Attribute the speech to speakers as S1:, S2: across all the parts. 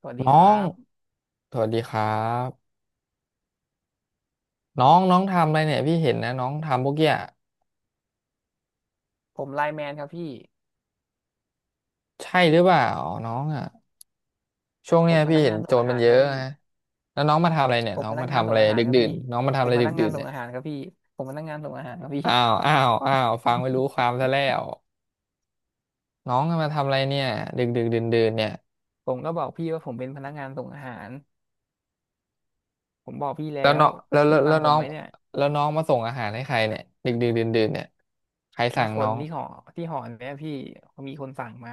S1: สวัสดี
S2: น้อ
S1: ครั
S2: ง
S1: บ
S2: สวัสดีครับน้องน้องทำอะไรเนี่ยพี่เห็นนะน้องทำพวกเนี้ย
S1: ผมไลน์แมนครับพี่
S2: ใช่หรือเปล่าน้องอ่ะช่วง
S1: ผ
S2: เนี้
S1: ม
S2: ย
S1: พ
S2: พี่
S1: นัก
S2: เห็
S1: งา
S2: น
S1: น
S2: โจ
S1: ส่ง
S2: ร
S1: อา
S2: มั
S1: หา
S2: น
S1: ร
S2: เย
S1: ครั
S2: อะ
S1: บพี่
S2: นะแล้วน้องมาทำอะไรเนี่ย
S1: ผม
S2: น้อ
S1: พ
S2: ง
S1: นัก
S2: มา
S1: งาน
S2: ทำ
S1: ส่
S2: อะไร
S1: งอาหาร
S2: ดึก
S1: ครับ
S2: ดื่น
S1: พี่
S2: น้องมาทำ
S1: ผ
S2: อะ
S1: ม
S2: ไร
S1: พ
S2: ดึ
S1: นั
S2: ก
S1: กงา
S2: ดื่
S1: น
S2: น
S1: ส่
S2: เนี่
S1: ง
S2: ย
S1: อาหารครับพี่ผมพนักงานส่งอาหารครับพี่
S2: อ้าวอ้าวอ้าวฟังไม่รู้ความซะแล้วน้องมาทำอะไรเนี่ยดึกดึกดื่นดื่นเนี่ย
S1: ผมก็บอกพี่ว่าผมเป็นพนักงานส่งอาหารผมบอกพี่แล้
S2: แล้วน้
S1: ว
S2: องแล้วแล้
S1: พี่
S2: ว
S1: ฟั
S2: แล้
S1: ง
S2: ว
S1: ผ
S2: น้
S1: ม
S2: อง
S1: ไหมเนี่ย
S2: แล้วน้องมาส่งอาหารให้ใครเนี่ยดึกดึกดื่นดื่นเนี่ยใคร
S1: ให้
S2: สั่ง
S1: ค
S2: น้
S1: น
S2: อง
S1: ที่หอที่หอเนี่ยพี่มีคนสั่งมา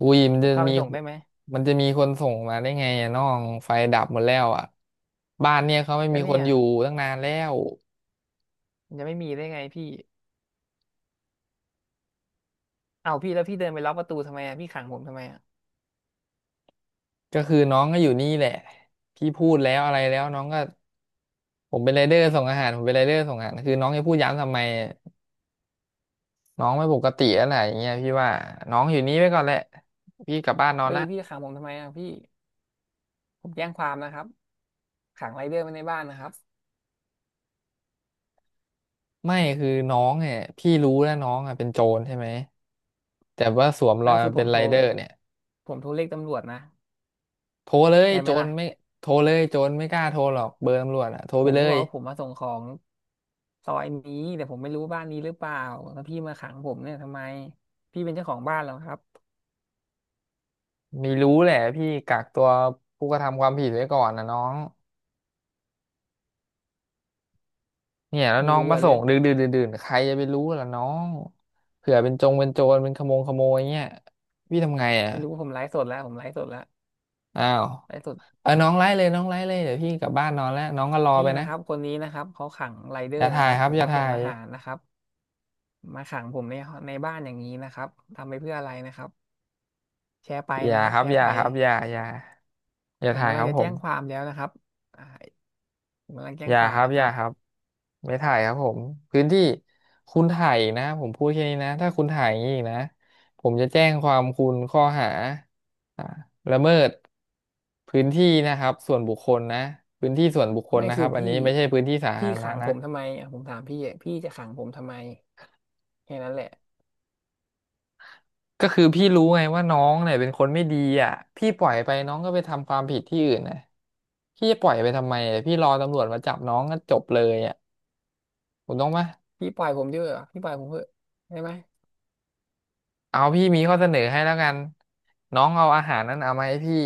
S2: อุ้ยมัน
S1: ผ
S2: จะ
S1: มเข้าไป
S2: มี
S1: ส่งได้ไหม
S2: มันจะมีคนส่งมาได้ไงอะน้องไฟดับหมดแล้วอ่ะบ้านเนี่ยเขาไม่
S1: ก็
S2: มีค
S1: เนี่
S2: น
S1: ย
S2: อยู่ตั้งนานแล้ว
S1: มันจะไม่มีได้ไงพี่เอ้าพี่แล้วพี่เดินไปล็อกประตูทำไมอ่ะพี่ขังผมทำไมอ่ะ
S2: ก็คือน้องก็อยู่นี่แหละพี่พูดแล้วอะไรแล้วน้องก็ผมเป็นไรเดอร์ส่งอาหารผมเป็นไรเดอร์ส่งอาหารคือน้องจะพูดย้ำทำไมน้องไม่ปกติอะไรอย่างเงี้ยพี่ว่าน้องอยู่นี่ไว้ก่อนแหละพี่กลับบ้านนอน
S1: เฮ้ย
S2: ละ
S1: พี่ขังผมทำไมอ่ะพี่ผมแจ้งความนะครับขังไรเดอร์ไว้ในบ้านนะครับ
S2: ไม่คือน้องเนี่ยพี่รู้แล้วน้องอ่ะเป็นโจรใช่ไหมแต่ว่าสวมร
S1: ไม่
S2: อย
S1: ก็คื
S2: มา
S1: อผ
S2: เป็น
S1: ม
S2: ไร
S1: โทร
S2: เดอร์เนี่ย
S1: ผมโทรเรียกตำรวจนะ
S2: โทรเลย
S1: ได้ไห
S2: โจ
S1: ม
S2: ร
S1: ล่ะ
S2: ไม่โทรเลยโจรไม่กล้าโทรหรอกเบอร์ตำรวจอ่ะโทร
S1: ผ
S2: ไป
S1: ม
S2: เล
S1: ก็บ
S2: ย
S1: อกว่าผมมาส่งของซอยนี้แต่ผมไม่รู้บ้านนี้หรือเปล่าแล้วพี่มาขังผมเนี่ยทำไมพี่เป็นเจ้าของบ้านเหรอครับ
S2: ไม่รู้แหละพี่กักตัวผู้กระทำความผิดไว้ก่อนนะน้องเนี่ยแล้ว
S1: ไม่
S2: น้อง
S1: รู้
S2: มา
S1: อะ
S2: ส่
S1: เรื่อ
S2: ง
S1: ง
S2: ดึกดื่นดื่นใครจะไปรู้ล่ะน้องเผื่อเป็นจงเป็นโจรเป็นขโมงขโมยเงี้ยพี่ทำไงอ่ะ
S1: ไม่รู้ว่าผมไลฟ์สดแล้วผมไลฟ์สดแล้ว
S2: อ้าว
S1: ไลฟ์สด
S2: เออน้องไล่เลยน้องไล่เลยเดี๋ยวพี่กลับบ้านนอนแล้วน้องก็รอ
S1: นี่
S2: ไป
S1: นะ
S2: นะ
S1: ครับคนนี้นะครับเขาขังไรเด
S2: อ
S1: อ
S2: ย่า
S1: ร์นะ
S2: ถ่า
S1: ค
S2: ย
S1: รับ
S2: ครั
S1: ผ
S2: บ
S1: ม
S2: อย่า
S1: มา
S2: ถ่า
S1: ส่ง
S2: ย
S1: อาหารนะครับมาขังผมในบ้านอย่างนี้นะครับทำไปเพื่ออะไรนะครับแชร์ไป
S2: อย่า
S1: นะครับ
S2: ครั
S1: แช
S2: บอ
S1: ร์
S2: ย่า
S1: ไป
S2: ครับอย่าอย่าอย่า
S1: ผม
S2: ถ่าย
S1: กำ
S2: ค
S1: ลัง
S2: รับ
S1: จะ
S2: ผ
S1: แจ้
S2: ม
S1: งความแล้วนะครับอ่าผมกำลังแจ้
S2: อ
S1: ง
S2: ย่า
S1: ควา
S2: ค
S1: ม
S2: รับ
S1: นะค
S2: อย่า
S1: รับ
S2: ครับไม่ถ่ายครับผมพื้นที่คุณถ่ายอีกนะผมพูดแค่นี้นะถ้าคุณถ่ายอย่างนี้อีกนะผมจะแจ้งความคุณข้อหาอ่าละเมิดพื้นที่นะครับส่วนบุคคลนะพื้นที่ส่วนบุคคล
S1: ไม่
S2: นะค
S1: คื
S2: รั
S1: อ
S2: บอัน
S1: พี่
S2: นี้ไม่ใช่พื้นที่สาธา
S1: พี่
S2: รณะ
S1: ขังผ
S2: นะ
S1: มทำไมอ่ะผมถามพี่อ่ะพี่จะขังผมทำไมแค่นั้นแหละ
S2: ก็คือพี่รู้ไงว่าน้องเนี่ยเป็นคนไม่ดีอ่ะพี่ปล่อยไปน้องก็ไปทำความผิดที่อื่นนะพี่จะปล่อยไปทำไมอะพี่รอตำรวจมาจับน้องก็จบเลยอ่ะถูกต้องไหม
S1: พี่ปล่อยผมด้วยเหรอพี่ปล่อยผมเถอะได้ไหม
S2: เอาพี่มีข้อเสนอให้แล้วกันน้องเอาอาหารนั้นเอามาให้พี่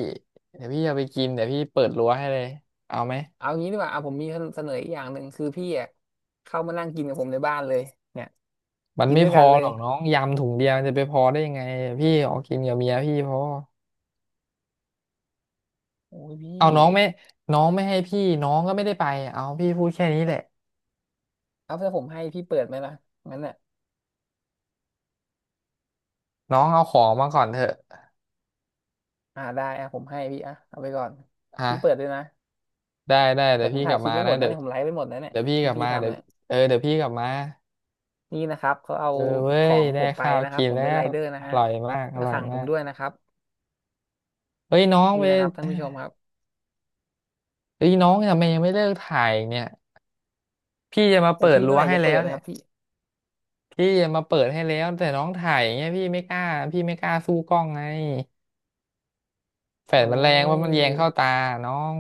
S2: เดี๋ยวพี่เอาไปกินเดี๋ยวพี่เปิดรั้วให้เลยเอาไหม
S1: เอางี้ดีกว่าเอาผมมีเสนออีกอย่างหนึ่งคือพี่อ่ะเข้ามานั่งกินกับผมในบ้านเลยเนี่ย
S2: มัน
S1: กิน
S2: ไม่
S1: ด้ว
S2: พ
S1: ย
S2: อ
S1: กันเล
S2: หร
S1: ย
S2: อกน้องยำถุงเดียวมันจะไปพอได้ยังไงพี่ออกกินกับเมียพี่พอ
S1: โอ้ยพี่
S2: เอาน้องไม่น้องไม่ให้พี่น้องก็ไม่ได้ไปเอาพี่พูดแค่นี้แหละ
S1: เอาถ้าผมให้พี่เปิดไหมล่ะงั้นอ่ะ
S2: น้องเอาของมาก่อนเถอะ
S1: อ่าได้อ่ะผมให้พี่อ่ะเอาไปก่อน
S2: อ่ะ
S1: พี่เปิดด้วยนะ
S2: ได้ได้
S1: แต่
S2: เดี๋ยว
S1: ผม
S2: พี่ก
S1: ถ่า
S2: ลั
S1: ย
S2: บ
S1: คลิป
S2: มา
S1: ไว้หม
S2: นะ
S1: ดนะ
S2: เดี๋ยว
S1: เนี่ยผมไลฟ์ไว้หมดนะเนี่ย
S2: เดี๋ยวพี่ก
S1: ที่
S2: ลับ
S1: พี่
S2: มาเดี๋
S1: ทำ
S2: ยว
S1: เนี่ย
S2: เออเดี๋ยวพี่กลับมา
S1: นี่นะครับเขาเอา
S2: เออเว้
S1: ขอ
S2: ย
S1: งผ
S2: ได้
S1: มไป
S2: ข้าว
S1: นะครั
S2: กิ
S1: บ
S2: น
S1: ผม
S2: แล้
S1: เป็นไร
S2: ว
S1: เดอร์
S2: อ
S1: นะฮะ
S2: ร่อยมากอ
S1: แล้ว
S2: ร่อย
S1: ขังผ
S2: มา
S1: ม
S2: ก
S1: ด้วยนะครับ
S2: เฮ้ยน้องไป
S1: นี่นะครับท่านผู้ชมครับ
S2: เฮ้ยน้องทำไมยังไม่เลิกถ่ายอีกเนี่ยพี่จะมา
S1: แต่
S2: เปิด
S1: พี่
S2: รั้
S1: เมื่อ
S2: ว
S1: ไหร่
S2: ให้
S1: จะ
S2: แล้
S1: เปิ
S2: ว
S1: ดนะ
S2: เนี่
S1: ค
S2: ย
S1: รับพี่
S2: พี่จะมาเปิดให้แล้วแต่น้องถ่ายอย่างเงี้ยพี่ไม่กล้าพี่ไม่กล้าสู้กล้องไงแฟลช
S1: โอ้
S2: มันแรงว่าะ
S1: ย
S2: มันแยงเข้าตาน้อง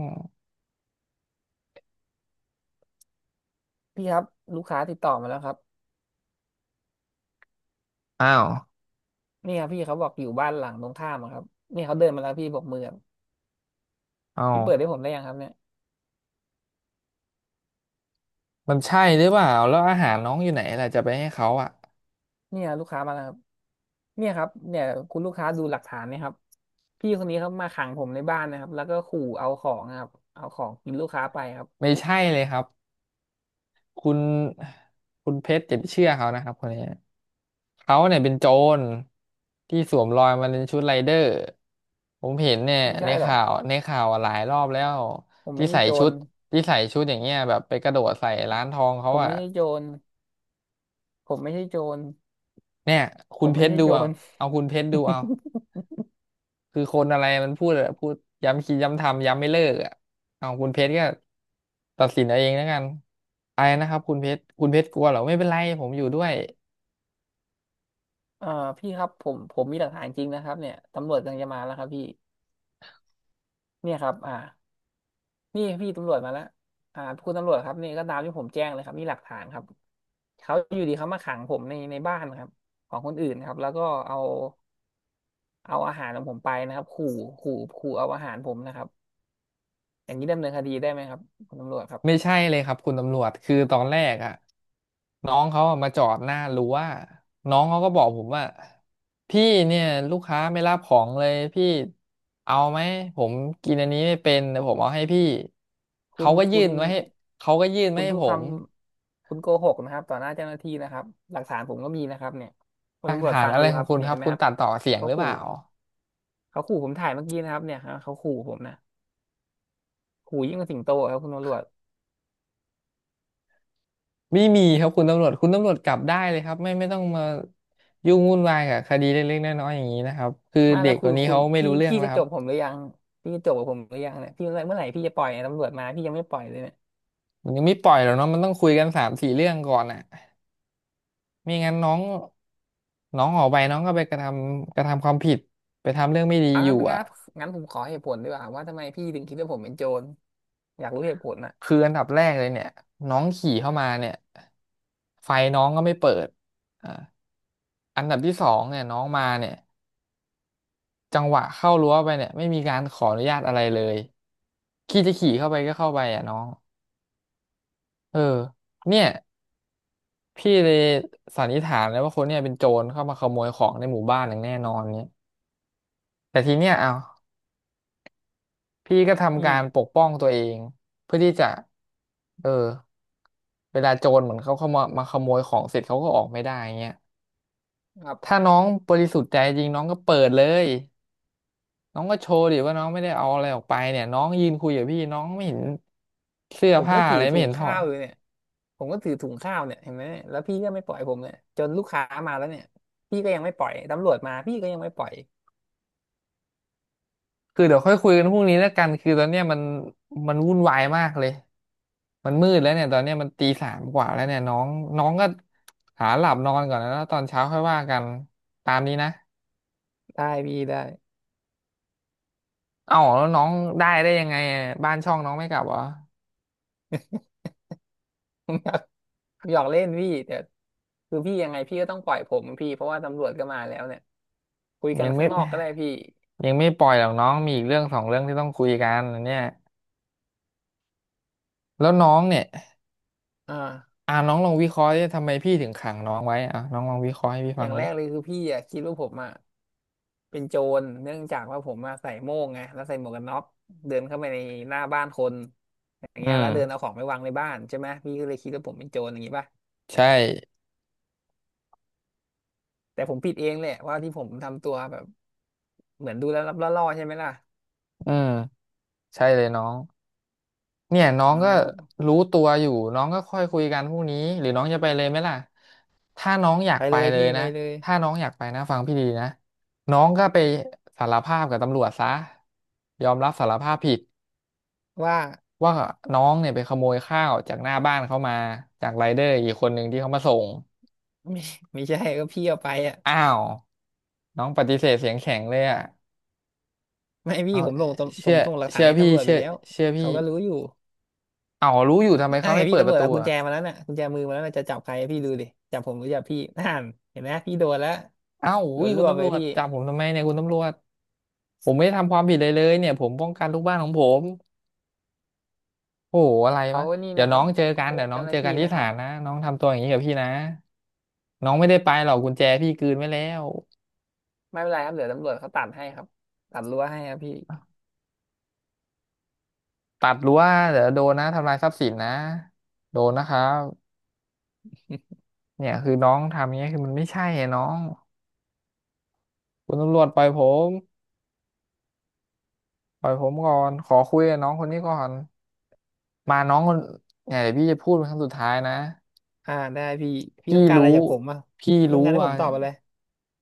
S1: พี่ครับลูกค้าติดต่อมาแล้วครับ
S2: อ้าว
S1: นี่ครับพี่เขาบอกอยู่บ้านหลังตรงข้ามอะครับเนี่ยเขาเดินมาแล้วพี่บอกมือครับ
S2: อ้าว
S1: พี่เปิดให้ผมได้ยังครับเนี่ย
S2: มันใช่หรือเปล่าแล้วอาหารน้องอยู่ไหนล่ะจะไปให้เขาอ่ะ
S1: เนี่ยลูกค้ามาแล้วครับเนี่ยครับเนี่ยคุณลูกค้าดูหลักฐานเนะครับพี่คนนี้เขามาขังผมในบ้านนะครับแล้วก็ขู่เอาของนะครับเอาของกินลูกค้าไปครับ
S2: ไม่ใช่เลยครับ คุณคุณเพชรอย่าไปเชื่อเขานะครับคนนี้เขาเนี่ยเป็นโจรที่สวมรอยมาเป็นชุดไรเดอร์ผมเห็นเนี่ย
S1: ไม่
S2: ใน
S1: ใช่หรอก
S2: ข่าวในข่าวหลายรอบแล้ว
S1: ผม
S2: ที่
S1: ไม่ใช่
S2: ใส่
S1: โจ
S2: ชุ
S1: ร
S2: ดที่ใส่ชุดอย่างเงี้ยแบบไปกระโดดใส่ร้านทอง
S1: ผ
S2: เขา
S1: ม
S2: อะ
S1: ไม่ใช่โจรผมไม่ใช่โจร
S2: เนี่ย
S1: ผ
S2: คุณ
S1: ม
S2: เพ
S1: ไม่
S2: ชร
S1: ใช่
S2: ดู
S1: โจ
S2: เอา
S1: ร
S2: เอาคุณเพชรดูเอา คือคนอะไรมันพูดอะพูดย้ำคิดย้ำทำย้ำไม่เลิกอะเอาคุณเพชรก็ตัดสินเอาเองแล้วกันอะไปนะครับคุณเพชรคุณเพชรกลัวเหรอไม่เป็นไรผมอยู่ด้วย
S1: เอ่อพี่ครับผมมีหลักฐานจริงนะครับเนี่ยตำรวจกำลังจะมาแล้วครับพี่เนี่ยครับนี่พี่ตำรวจมาแล้วคุณตำรวจครับนี่ก็ตามที่ผมแจ้งเลยครับนี่หลักฐานครับเขาอยู่ดีเขามาขังผมในบ้านครับของคนอื่นครับแล้วก็เอาเอาอาหารของผมไปนะครับขู่ขู่เอาอาหารผมนะครับอย่างนี้ดำเนินคดีได้ไหมครับคุณตำรวจครั
S2: ไม่
S1: บ
S2: ใช่เลยครับคุณตำรวจคือตอนแรกอะน้องเขาอะมาจอดหน้ารั้วน้องเขาก็บอกผมว่าพี่เนี่ยลูกค้าไม่รับของเลยพี่เอาไหมผมกินอันนี้ไม่เป็นเดี๋ยวผมเอาให้พี่
S1: คุ
S2: เขา
S1: ณ
S2: ก็ยื่
S1: คุณ
S2: นมาให้เขาก็ยื่นมา
S1: คุณ
S2: ให้
S1: พูด
S2: ผ
S1: ค
S2: ม
S1: ำคุณโกหกนะครับต่อหน้าเจ้าหน้าที่นะครับหลักฐานผมก็มีนะครับเนี่ยคุ
S2: ห
S1: ณ
S2: ลัก
S1: ตำรวจ
S2: ฐาน
S1: ฟัง
S2: อะไร
S1: ดู
S2: ข
S1: ค
S2: อง
S1: รับ
S2: คุณ
S1: เนี่
S2: ค
S1: ย
S2: รั
S1: เห็
S2: บ
S1: นไหม
S2: คุณ
S1: ครับ
S2: ตัดต่อเสียง
S1: เขา
S2: หรือเป
S1: ขู่
S2: ล่า
S1: เขาขู่ผมถ่ายเมื่อกี้นะครับเนี่ยครับเขาขู่ผมนะขู่ยิ่งกว่าสิงโตอะครับคุณตำรวจ
S2: ไม่มีครับคุณตำรวจคุณตำรวจกลับได้เลยครับไม่ไม่ต้องมายุ่งวุ่นวายกับคดีเล็กๆน้อยๆอย่างนี้นะครับคือ
S1: มา
S2: เด็
S1: แล้
S2: ก
S1: ว
S2: ค
S1: คือ
S2: นนี้
S1: คุณ
S2: เขาไม่
S1: พี่
S2: รู้เรื่อง
S1: พี่
S2: แล้ว
S1: จะ
S2: ค
S1: จ
S2: รับ
S1: บผมหรือยังพี่จะจบกับผมหรือยังเนี่ยพี่เมื่อไหร่พี่จะปล่อยเนี่ยตำรวจมาพี่ยังไม่ปล่อยเลยเนี่ย
S2: มันยังไม่ปล่อยหรอกเนาะมันต้องคุยกันสามสี่เรื่องก่อนอ่ะไม่งั้นน้องน้องออกไปน้องก็ไปกระทำความผิดไปทำเรื่องไม่ดี
S1: เอา
S2: อยู่
S1: งั้นนะค
S2: อ่ะ
S1: รับงั้นผมขอเหตุผลดีกว่าว่าทำไมพี่ถึงคิดว่าผมเป็นโจรอยากรู้เหตุผลน่ะ
S2: คืออันดับแรกเลยเนี่ยน้องขี่เข้ามาเนี่ยไฟน้องก็ไม่เปิดอ่าอันดับที่สองเนี่ยน้องมาเนี่ยจังหวะเข้ารั้วไปเนี่ยไม่มีการขออนุญาตอะไรเลยขี่จะขี่เข้าไปก็เข้าไปอ่ะน้องเออเนี่ยพี่เลยสันนิษฐานเลยว่าคนเนี่ยเป็นโจรเข้ามาขโมยของในหมู่บ้านอย่างแน่นอนเนี่ยแต่ทีเนี้ยเอา พี่ก็
S1: อื
S2: ทำการป
S1: ม
S2: กป้องตัวเองเพื่อที่จะ เออเวลาโจรเหมือนเขาเข้ามาขโมยของเสร็จเขาก็ออกไม่ได้เงี้ย
S1: ครับ
S2: ถ้าน้องบริสุทธิ์ใจจริงน้องก็เปิดเลยน้องก็โชว์ดิว่าน้องไม่ได้เอาอะไรออกไปเนี่ยน้องยืนคุยกับพี่น้องไม่เห็นเสื้อ
S1: ผม
S2: ผ้า
S1: ก็ถื
S2: อะ
S1: อ
S2: ไรไม่
S1: ถุ
S2: เห็
S1: ง
S2: นถอ
S1: ข้า
S2: ด
S1: วอยู่เนี่ยผมก็ถือถุงข้าวเนี่ยเห็นไหมเนี่ยแล้วพี่ก็ไม่ปล่อยผมเนี่ยจนลูกค้ามาแล้วเนี่ยพี่ก็ยังไม่ปล่อยตำรวจมาพี่ก็ยังไม่ปล่อย
S2: คือเดี๋ยวค่อยคุยกันพรุ่งนี้แล้วกันคือตอนเนี้ยมันวุ่นวายมากเลยมันมืดแล้วเนี่ยตอนเนี้ยมันตีสามกว่าแล้วเนี่ยน้องน้องก็หาหลับนอนก่อนนะแล้วตอนเช้าค่อยว่ากันตามนี้นะ
S1: ได้พี่ได้
S2: เอ้าแล้วน้องได้ได้ยังไงอะบ้านช่องน้องไม่กลับเหรอ
S1: หยอกเล่นพี่แต่คือพี่ยังไงพี่ก็ต้องปล่อยผมพี่เพราะว่าตำรวจก็มาแล้วเนี่ยคุยกั
S2: ยั
S1: น
S2: งไม่
S1: ข้างนอกก็ได้พี่
S2: ยังไม่ปล่อยหรอกน้องมีอีกเรื่องสองเรื่องที่ต้องคุยกันอันเนี่ยแล้วน้องเนี่ย
S1: อ่า
S2: อ่าน้องลองวิเคราะห์ดิทำไมพี่ถึงขังน้องไว้อ่ะน้องลองวิเคราะห์ให้พี่
S1: อ
S2: ฟั
S1: ย่า
S2: ง
S1: งแร
S2: ดิ
S1: กเลยคือพี่อะคิดว่าผมอะเป็นโจรเนื่องจากว่าผมมาใส่โม่งไงแล้วใส่หมวกกันน็อกเดินเข้าไปในหน้าบ้านคนอย่าง
S2: อื
S1: เงี้ย
S2: ม
S1: แล้วเดินเอาของไปวางในบ้านใช่ไหมพี่ก็เลยคิดว่าผมเป็นโจรอย่างงี้ป่ะ
S2: ใช่
S1: แต่ผมผิดเองแหละว่าที่ผมทำตัวแบบเหมือนดูแล้วรับล่อๆใช่ไหมล่ะ
S2: อืมใช่เลยน้องเนี่ยน้อ
S1: อ่
S2: งก็
S1: า
S2: รู้ตัวอยู่น้องก็ค่อยคุยกันพรุ่งนี้หรือน้องจะไปเลยไหมล่ะถ้าน้องอยาก
S1: ไป
S2: ไป
S1: เลย
S2: เลย
S1: พี่ไป
S2: นะ
S1: เลย
S2: ถ้าน้องอยากไปนะฟังพี่ดีนะน้องก็ไปสารภาพกับตำรวจซะยอมรับสารภาพผิด
S1: ว่า
S2: ว่าน้องเนี่ยไปขโมยข้าวจากหน้าบ้านเขามาจากไรเดอร์อีกคนหนึ่งที่เขามาส่ง
S1: ไม่ไม่ใช่ก็พี่เอาไปอ่ะ
S2: อ้าวน้องปฏิเสธเสียงแข็งเลยอ่ะ
S1: ไม่พี่
S2: เอา
S1: ผมส่งส่
S2: เชื่
S1: ง
S2: อ
S1: ส่งหลักฐา
S2: เชื่
S1: น
S2: อ
S1: ให้
S2: พี่
S1: ตำรวจไป
S2: เชื่อ
S1: แล้ว
S2: เชื่อพี่
S1: เขาก็รู้อยู่
S2: เอารู้อยู่ทำไม
S1: นั่
S2: เขา
S1: นไง
S2: ไม่เปิ
S1: พี่
S2: ด
S1: ตำ
S2: ป
S1: ร
S2: ระ
S1: วจ
S2: ตู
S1: เอากุญ
S2: อ่ะ
S1: แจมาแล้วน่ะกุญแจมือมาแล้วน่ะจะจับใครพี่ดูดิจับผมหรือจับพี่นั่นเห็นไหมพี่โดนแล้ว
S2: เอ้า
S1: โด
S2: อุ้ย
S1: นร
S2: คุณ
S1: วบ
S2: ตำ
S1: ไป
S2: รวจ
S1: พี่
S2: จับผมทำไมเนี่ยคุณตำรวจผมไม่ได้ทำความผิดเลยเนี่ยผมป้องกันลูกบ้านของผมโอ้โหอะไร
S1: เขา
S2: วะ
S1: นี่
S2: เดี๋ย
S1: นะ
S2: ว
S1: ค
S2: น้
S1: รั
S2: อ
S1: บ
S2: งเจอ
S1: โก
S2: กัน
S1: ห
S2: เดี๋ย
S1: ก
S2: วน้อ
S1: เจ้า
S2: ง
S1: ห
S2: เจ
S1: น้า
S2: อกั
S1: ที่
S2: นที่
S1: นะค
S2: ศา
S1: รับ
S2: ลนะน้องทำตัวอย่างนี้กับพี่นะน้องไม่ได้ไปหรอกกุญแจพี่กลืนไว้แล้ว
S1: ไม่เป็นไรครับเดี๋ยวตำรวจเขาตัดให้ครับตัดรั้วให้ครับพี่
S2: ตัดรั้วเดี๋ยวโดนนะทำลายทรัพย์สินนะโดนนะครับเนี่ยคือน้องทำอย่างเงี้ยคือมันไม่ใช่ไงน้องคุณตำรวจปล่อยผมปล่อยผมก่อนขอคุยกับน้องคนนี้ก่อนมาน้องคนเนี่ยเดี๋ยวพี่จะพูดเป็นครั้งสุดท้ายนะ
S1: ได้พี่พี่
S2: พี่
S1: ต้องการอะไร
S2: รู้
S1: จากผมอ่ะ
S2: พี่
S1: ต้อง
S2: รู้
S1: การให้ผ
S2: ว่า
S1: มตอบอะไร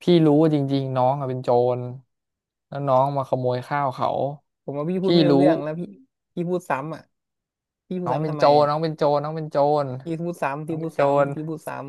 S2: พี่รู้ว่าจริงๆน้องอะเป็นโจรแล้วน้องมาขโมยข้าวเขา
S1: ผมว่าพี่พูด
S2: พี่
S1: ไม่รู้
S2: รู้
S1: เรื่องแล้วพี่พี่พูดซ้ำอ่ะพี่พู
S2: น้
S1: ด
S2: องเป็
S1: ซ้ำ
S2: น
S1: ทำ
S2: โจ
S1: ไม
S2: ร
S1: อ่ะ
S2: น้องเป็นโจรน้องเป็นโจร
S1: พี่พูดซ้ำ
S2: น้อ
S1: พี่
S2: ง
S1: พู
S2: เป็น
S1: ด
S2: โจร
S1: ซ้ำพี่พูดซ้ำ